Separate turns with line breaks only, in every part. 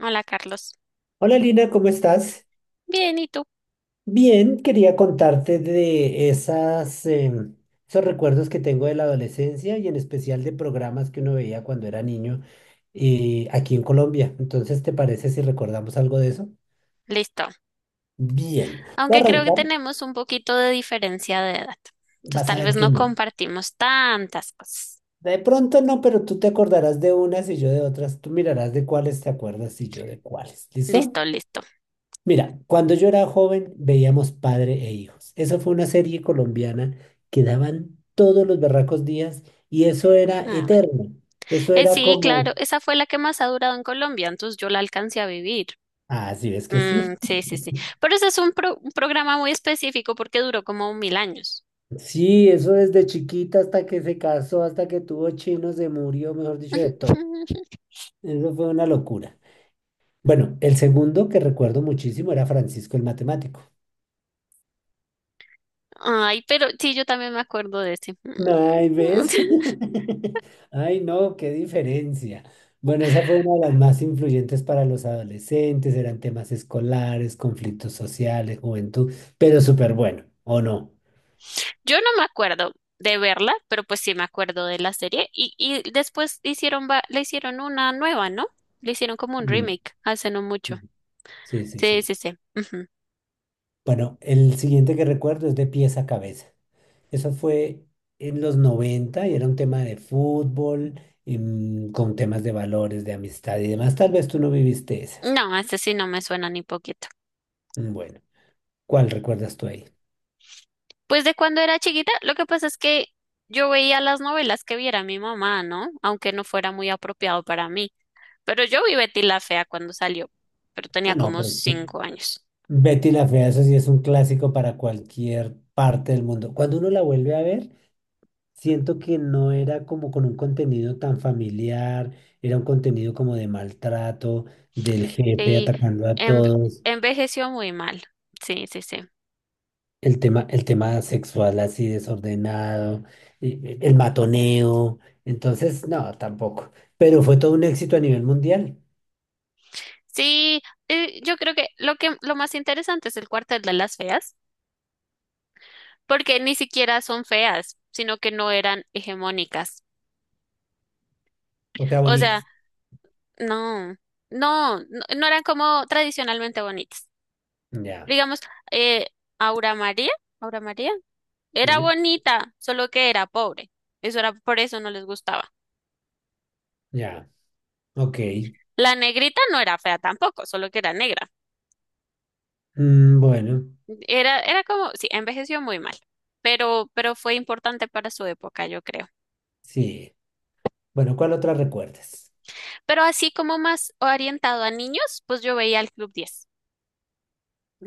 Hola Carlos.
Hola Lina, ¿cómo estás?
Bien, ¿y tú?
Bien, quería contarte de esas, esos recuerdos que tengo de la adolescencia y en especial de programas que uno veía cuando era niño aquí en Colombia. Entonces, ¿te parece si recordamos algo de eso?
Listo.
Bien, voy
Aunque
a
creo que
arrancar,
tenemos un poquito de diferencia de edad. Entonces
vas a
tal vez
ver que
no
no.
compartimos tantas cosas.
De pronto no, pero tú te acordarás de unas y yo de otras. Tú mirarás de cuáles te acuerdas y yo de cuáles. ¿Listo?
Listo, listo.
Mira, cuando yo era joven veíamos Padre e Hijos. Eso fue una serie colombiana que daban todos los berracos días y eso era
Ah, bueno.
eterno. Eso era
Sí, claro,
como,
esa fue la que más ha durado en Colombia, entonces yo la alcancé a vivir.
ah, sí, es que sí.
Mm, sí, sí, sí. Pero ese es un programa muy específico porque duró como mil años.
Sí, eso desde chiquita hasta que se casó, hasta que tuvo chino, se murió, mejor dicho, de todo. Eso fue una locura. Bueno, el segundo que recuerdo muchísimo era Francisco el Matemático.
Ay, pero sí, yo también me acuerdo de ese.
Ay, ¿ves? Ay, no, qué diferencia. Bueno, esa fue una de las más influyentes para los adolescentes, eran temas escolares, conflictos sociales, juventud, pero súper bueno, ¿o no?
Yo no me acuerdo de verla, pero pues sí me acuerdo de la serie. Y después le hicieron una nueva, ¿no? Le hicieron como un
Sí,
remake hace no mucho.
sí, sí, sí.
Sí,
sí.
sí, sí. Ujú.
Bueno, el siguiente que recuerdo es de pies a cabeza. Eso fue en los 90 y era un tema de fútbol, con temas de valores, de amistad y demás. Tal vez tú no viviste esa.
No, este sí no me suena ni poquito.
Mm, bueno, ¿cuál recuerdas tú ahí?
Pues de cuando era chiquita, lo que pasa es que yo veía las novelas que viera mi mamá, ¿no? Aunque no fuera muy apropiado para mí. Pero yo vi Betty la Fea cuando salió, pero
Ah,
tenía
no,
como
pero sí.
5 años.
Betty la Fea, eso sí es un clásico para cualquier parte del mundo. Cuando uno la vuelve a ver, siento que no era como con un contenido tan familiar, era un contenido como de maltrato, del jefe
Sí,
atacando a
en-
todos,
envejeció muy mal. Sí, sí, sí.
el tema sexual así desordenado, y el matoneo. Entonces, no, tampoco. Pero fue todo un éxito a nivel mundial.
Sí, yo creo que lo más interesante es el cuartel de las feas, porque ni siquiera son feas, sino que no eran hegemónicas.
O sea,
O sea,
bonitas.
no, no, no, no eran como tradicionalmente bonitas.
Ya,
Digamos, eh, Aura María, Aura María, era
sí,
bonita, solo que era pobre. Eso era, por eso no les gustaba.
ya, ok.
La negrita no era fea tampoco, solo que era negra.
Mm, bueno,
Era como, sí, envejeció muy mal, pero fue importante para su época, yo creo.
sí. Bueno, ¿cuál otra recuerdas?
Pero así como más orientado a niños, pues yo veía el Club 10.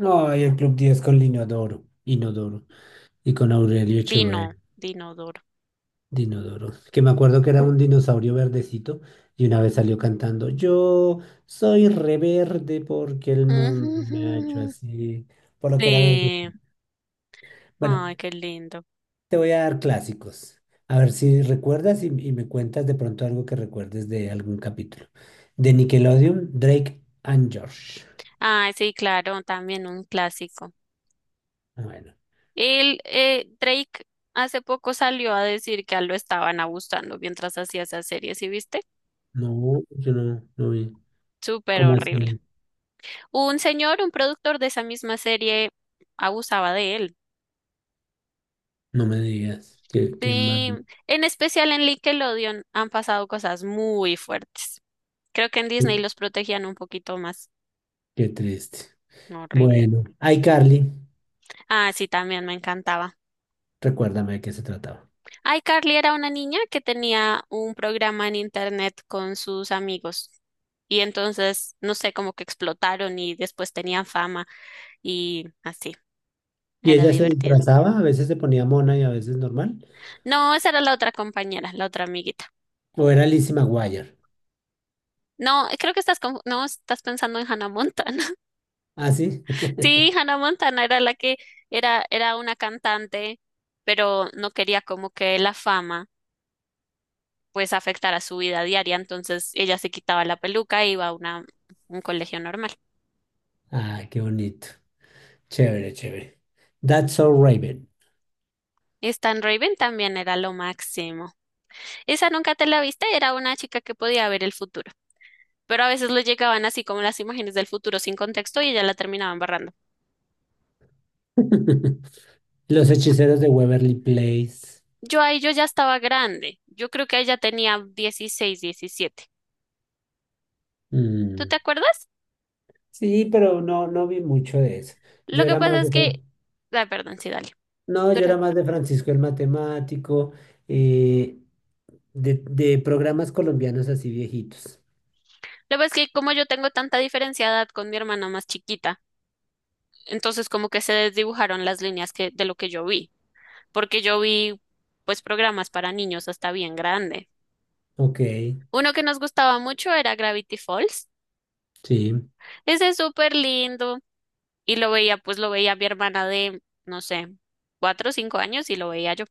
Ay, el Club 10 con Linodoro, Inodoro y con Aurelio Echeverri,
Dinodoro.
Dinodoro, que me acuerdo que era un dinosaurio verdecito y una vez salió cantando, yo soy reverde porque el mundo me ha hecho
Ujujujú.
así, por lo que era verde.
Sí.
Bueno,
Ay, qué lindo.
te voy a dar clásicos, a ver si recuerdas y me cuentas de pronto algo que recuerdes de algún capítulo. De Nickelodeon, Drake and George.
Ay, sí, claro, también un clásico.
Ah, bueno,
El Drake hace poco salió a decir que a él lo estaban abusando mientras hacía esa serie, ¿sí viste?
no, yo no vi.
Súper
¿Cómo
horrible.
así?
Un señor, un productor de esa misma serie, abusaba de él.
No me digas, qué
Sí,
mal,
en especial en Nickelodeon han pasado cosas muy fuertes. Creo que en Disney los protegían un poquito más.
qué triste.
No, horrible.
Bueno, iCarly,
Ah, sí, también me encantaba.
recuérdame de qué se trataba.
Ay, Carly era una niña que tenía un programa en internet con sus amigos. Y entonces, no sé, como que explotaron y después tenían fama y así.
Y
Era
ella se
divertido.
disfrazaba, a veces se ponía mona y a veces normal.
No, esa era la otra compañera, la otra amiguita.
O era Lizzie McGuire.
No, creo que estás no, estás pensando en Hannah Montana.
Ah, sí.
Sí, Hannah Montana era la que era una cantante, pero no quería como que la fama pues afectara su vida diaria. Entonces ella se quitaba la peluca e iba a un colegio normal.
Ah, qué bonito. Chévere, chévere. That's so Raven.
Stan Raven también era lo máximo. Esa nunca te la viste, era una chica que podía ver el futuro. Pero a veces le llegaban así como las imágenes del futuro sin contexto y ella la terminaba embarrando.
Los hechiceros de Waverly Place.
Yo ahí yo ya estaba grande. Yo creo que ella tenía 16, 17. ¿Tú te
Mm,
acuerdas?
sí, pero no, no vi mucho de eso.
Lo
Yo
que
era
pasa
más
es
de...
que. Ah, perdón, sí, dale.
No, yo
Dura.
era más de Francisco el Matemático, eh, de programas colombianos así viejitos.
Lo que pasa es que como yo tengo tanta diferencia de edad con mi hermana más chiquita. Entonces como que se desdibujaron las líneas de lo que yo vi, porque yo vi pues programas para niños hasta bien grande.
Ok,
Uno que nos gustaba mucho era Gravity Falls.
sí.
Ese es súper lindo y pues lo veía mi hermana de, no sé, 4 o 5 años y lo veía yo.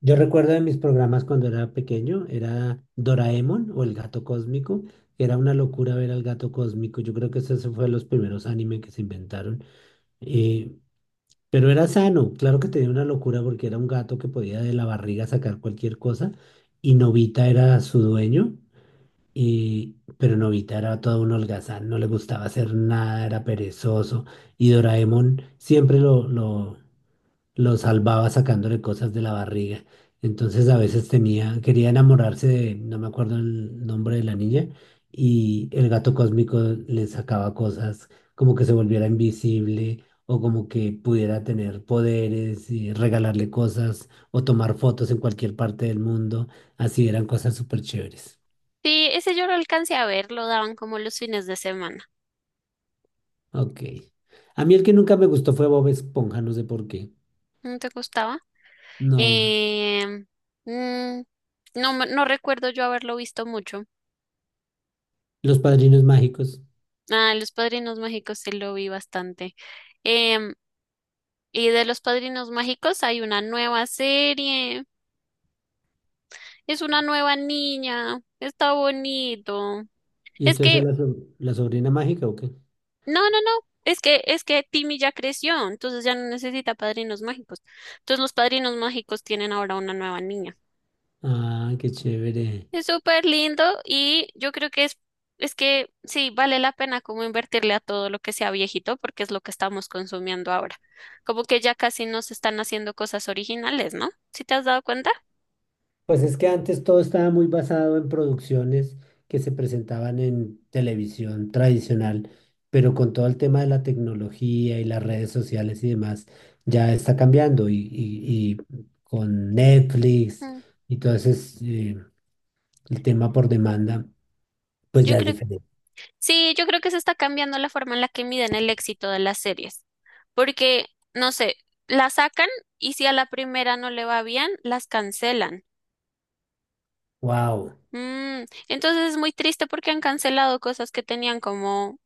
Yo recuerdo de mis programas cuando era pequeño, era Doraemon o El Gato Cósmico. Era una locura ver al Gato Cósmico. Yo creo que ese fue de los primeros anime que se inventaron. eh, pero era sano, claro que tenía una locura porque era un gato que podía de la barriga sacar cualquier cosa y Nobita era su dueño. Y, pero Nobita era todo un holgazán, no le gustaba hacer nada, era perezoso. Y Doraemon siempre lo salvaba sacándole cosas de la barriga. Entonces a veces tenía, quería enamorarse de, no me acuerdo el nombre de la niña, y el gato cósmico le sacaba cosas como que se volviera invisible o como que pudiera tener poderes y regalarle cosas o tomar fotos en cualquier parte del mundo. Así eran cosas súper chéveres.
Sí, ese yo lo alcancé a ver, lo daban como los fines de semana.
Ok. A mí el que nunca me gustó fue Bob Esponja, no sé por qué.
¿No te gustaba?
No,
Em, mm, no, no recuerdo yo haberlo visto mucho.
Los Padrinos Mágicos.
Ah, Los Padrinos Mágicos sí lo vi bastante. Em, Y de Los Padrinos Mágicos hay una nueva serie. Es una nueva niña. Está bonito.
¿Y
Es
entonces
que,
la, so- la sobrina mágica o qué?
no, no, no. Es que Timmy ya creció, entonces ya no necesita padrinos mágicos. Entonces los padrinos mágicos tienen ahora una nueva niña.
Ah, qué chévere.
Es súper lindo y yo creo que es que sí, vale la pena como invertirle a todo lo que sea viejito porque es lo que estamos consumiendo ahora. Como que ya casi no se están haciendo cosas originales, ¿no? ¿Si te has dado cuenta?
Pues es que antes todo estaba muy basado en producciones que se presentaban en televisión tradicional, pero con todo el tema de la tecnología y las redes sociales y demás, ya está cambiando. Y con Netflix
Mm.
y todo ese, eh, el tema por demanda, pues
Yo
ya es
creo
diferente.
Sí, yo creo que se está cambiando la forma en la que miden el éxito de las series, porque, no sé, la sacan y si a la primera no le va bien, las cancelan.
Wow.
Mm, entonces es muy triste porque han cancelado cosas que tenían como,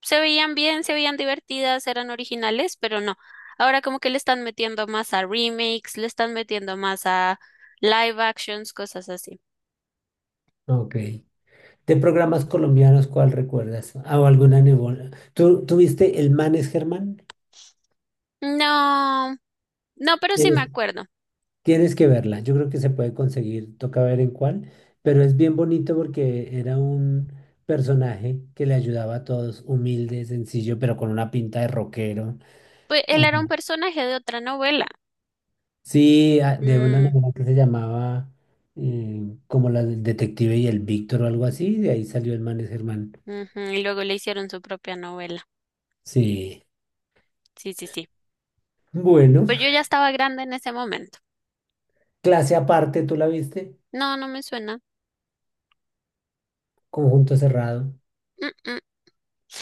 se veían bien, se veían divertidas, eran originales, pero no. Ahora como que le están metiendo más a remakes, le están metiendo más a live actions, cosas así.
Ok. ¿De programas colombianos cuál recuerdas? ¿O alguna nebola? ¿Tú viste El Manes Germán?
No, no, pero sí me
Tienes,
acuerdo.
tienes que verla. Yo creo que se puede conseguir. Toca ver en cuál. Pero es bien bonito porque era un personaje que le ayudaba a todos, humilde, sencillo, pero con una pinta de rockero.
Pues él
O
era
sea,
un personaje de otra novela.
sí, a- de una
Mm.
novela que se llamaba como la del detective y el Víctor o algo así. De ahí salió El Manes Germán.
Ujú. Y luego le hicieron su propia novela.
Sí.
Sí, sí, sí.
Bueno,
Pues yo ya estaba grande en ese momento.
clase aparte, ¿tú la viste?
No, no me suena.
Conjunto cerrado,
Mm, mm.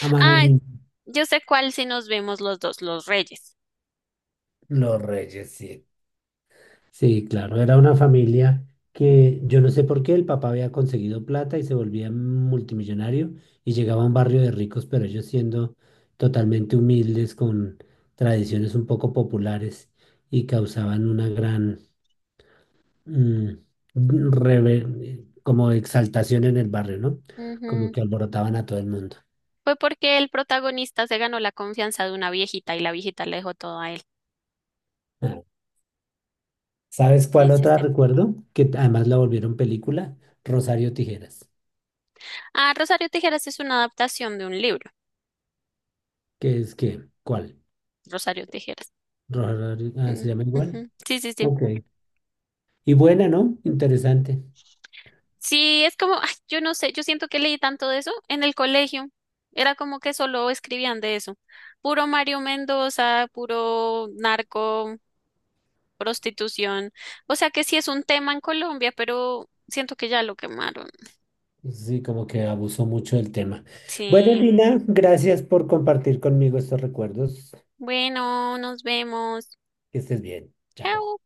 a mano
Ah,
limpia.
yo sé cuál si nos vimos los dos, los Reyes.
Los Reyes, sí. Sí, claro, era una familia que yo no sé por qué el papá había conseguido plata y se volvía multimillonario y llegaba a un barrio de ricos, pero ellos siendo totalmente humildes, con tradiciones un poco populares y causaban una gran mm, reve- como exaltación en el barrio, ¿no? Como
Ujú.
que alborotaban a todo el mundo.
Fue porque el protagonista se ganó la confianza de una viejita y la viejita le dejó todo a él.
Ah, ¿sabes
Y
cuál
es
otra
este.
recuerdo? Que además la volvieron película, Rosario Tijeras.
Ah, Rosario Tijeras es una adaptación de un libro.
¿Qué es qué? ¿Cuál?
Rosario Tijeras.
Rosario, ah,
Mm,
¿se llama igual?
ujú. Sí, sí, sí.
Ok. Y buena, ¿no? Interesante.
Sí, es como, ay, yo no sé, yo siento que leí tanto de eso en el colegio. Era como que solo escribían de eso. Puro Mario Mendoza, puro narco, prostitución. O sea que sí es un tema en Colombia, pero siento que ya lo quemaron.
Sí, como que abusó mucho del tema. Bueno,
Sí.
Lina, gracias por compartir conmigo estos recuerdos.
Bueno, nos vemos.
Que estés bien. Chao.
Chao.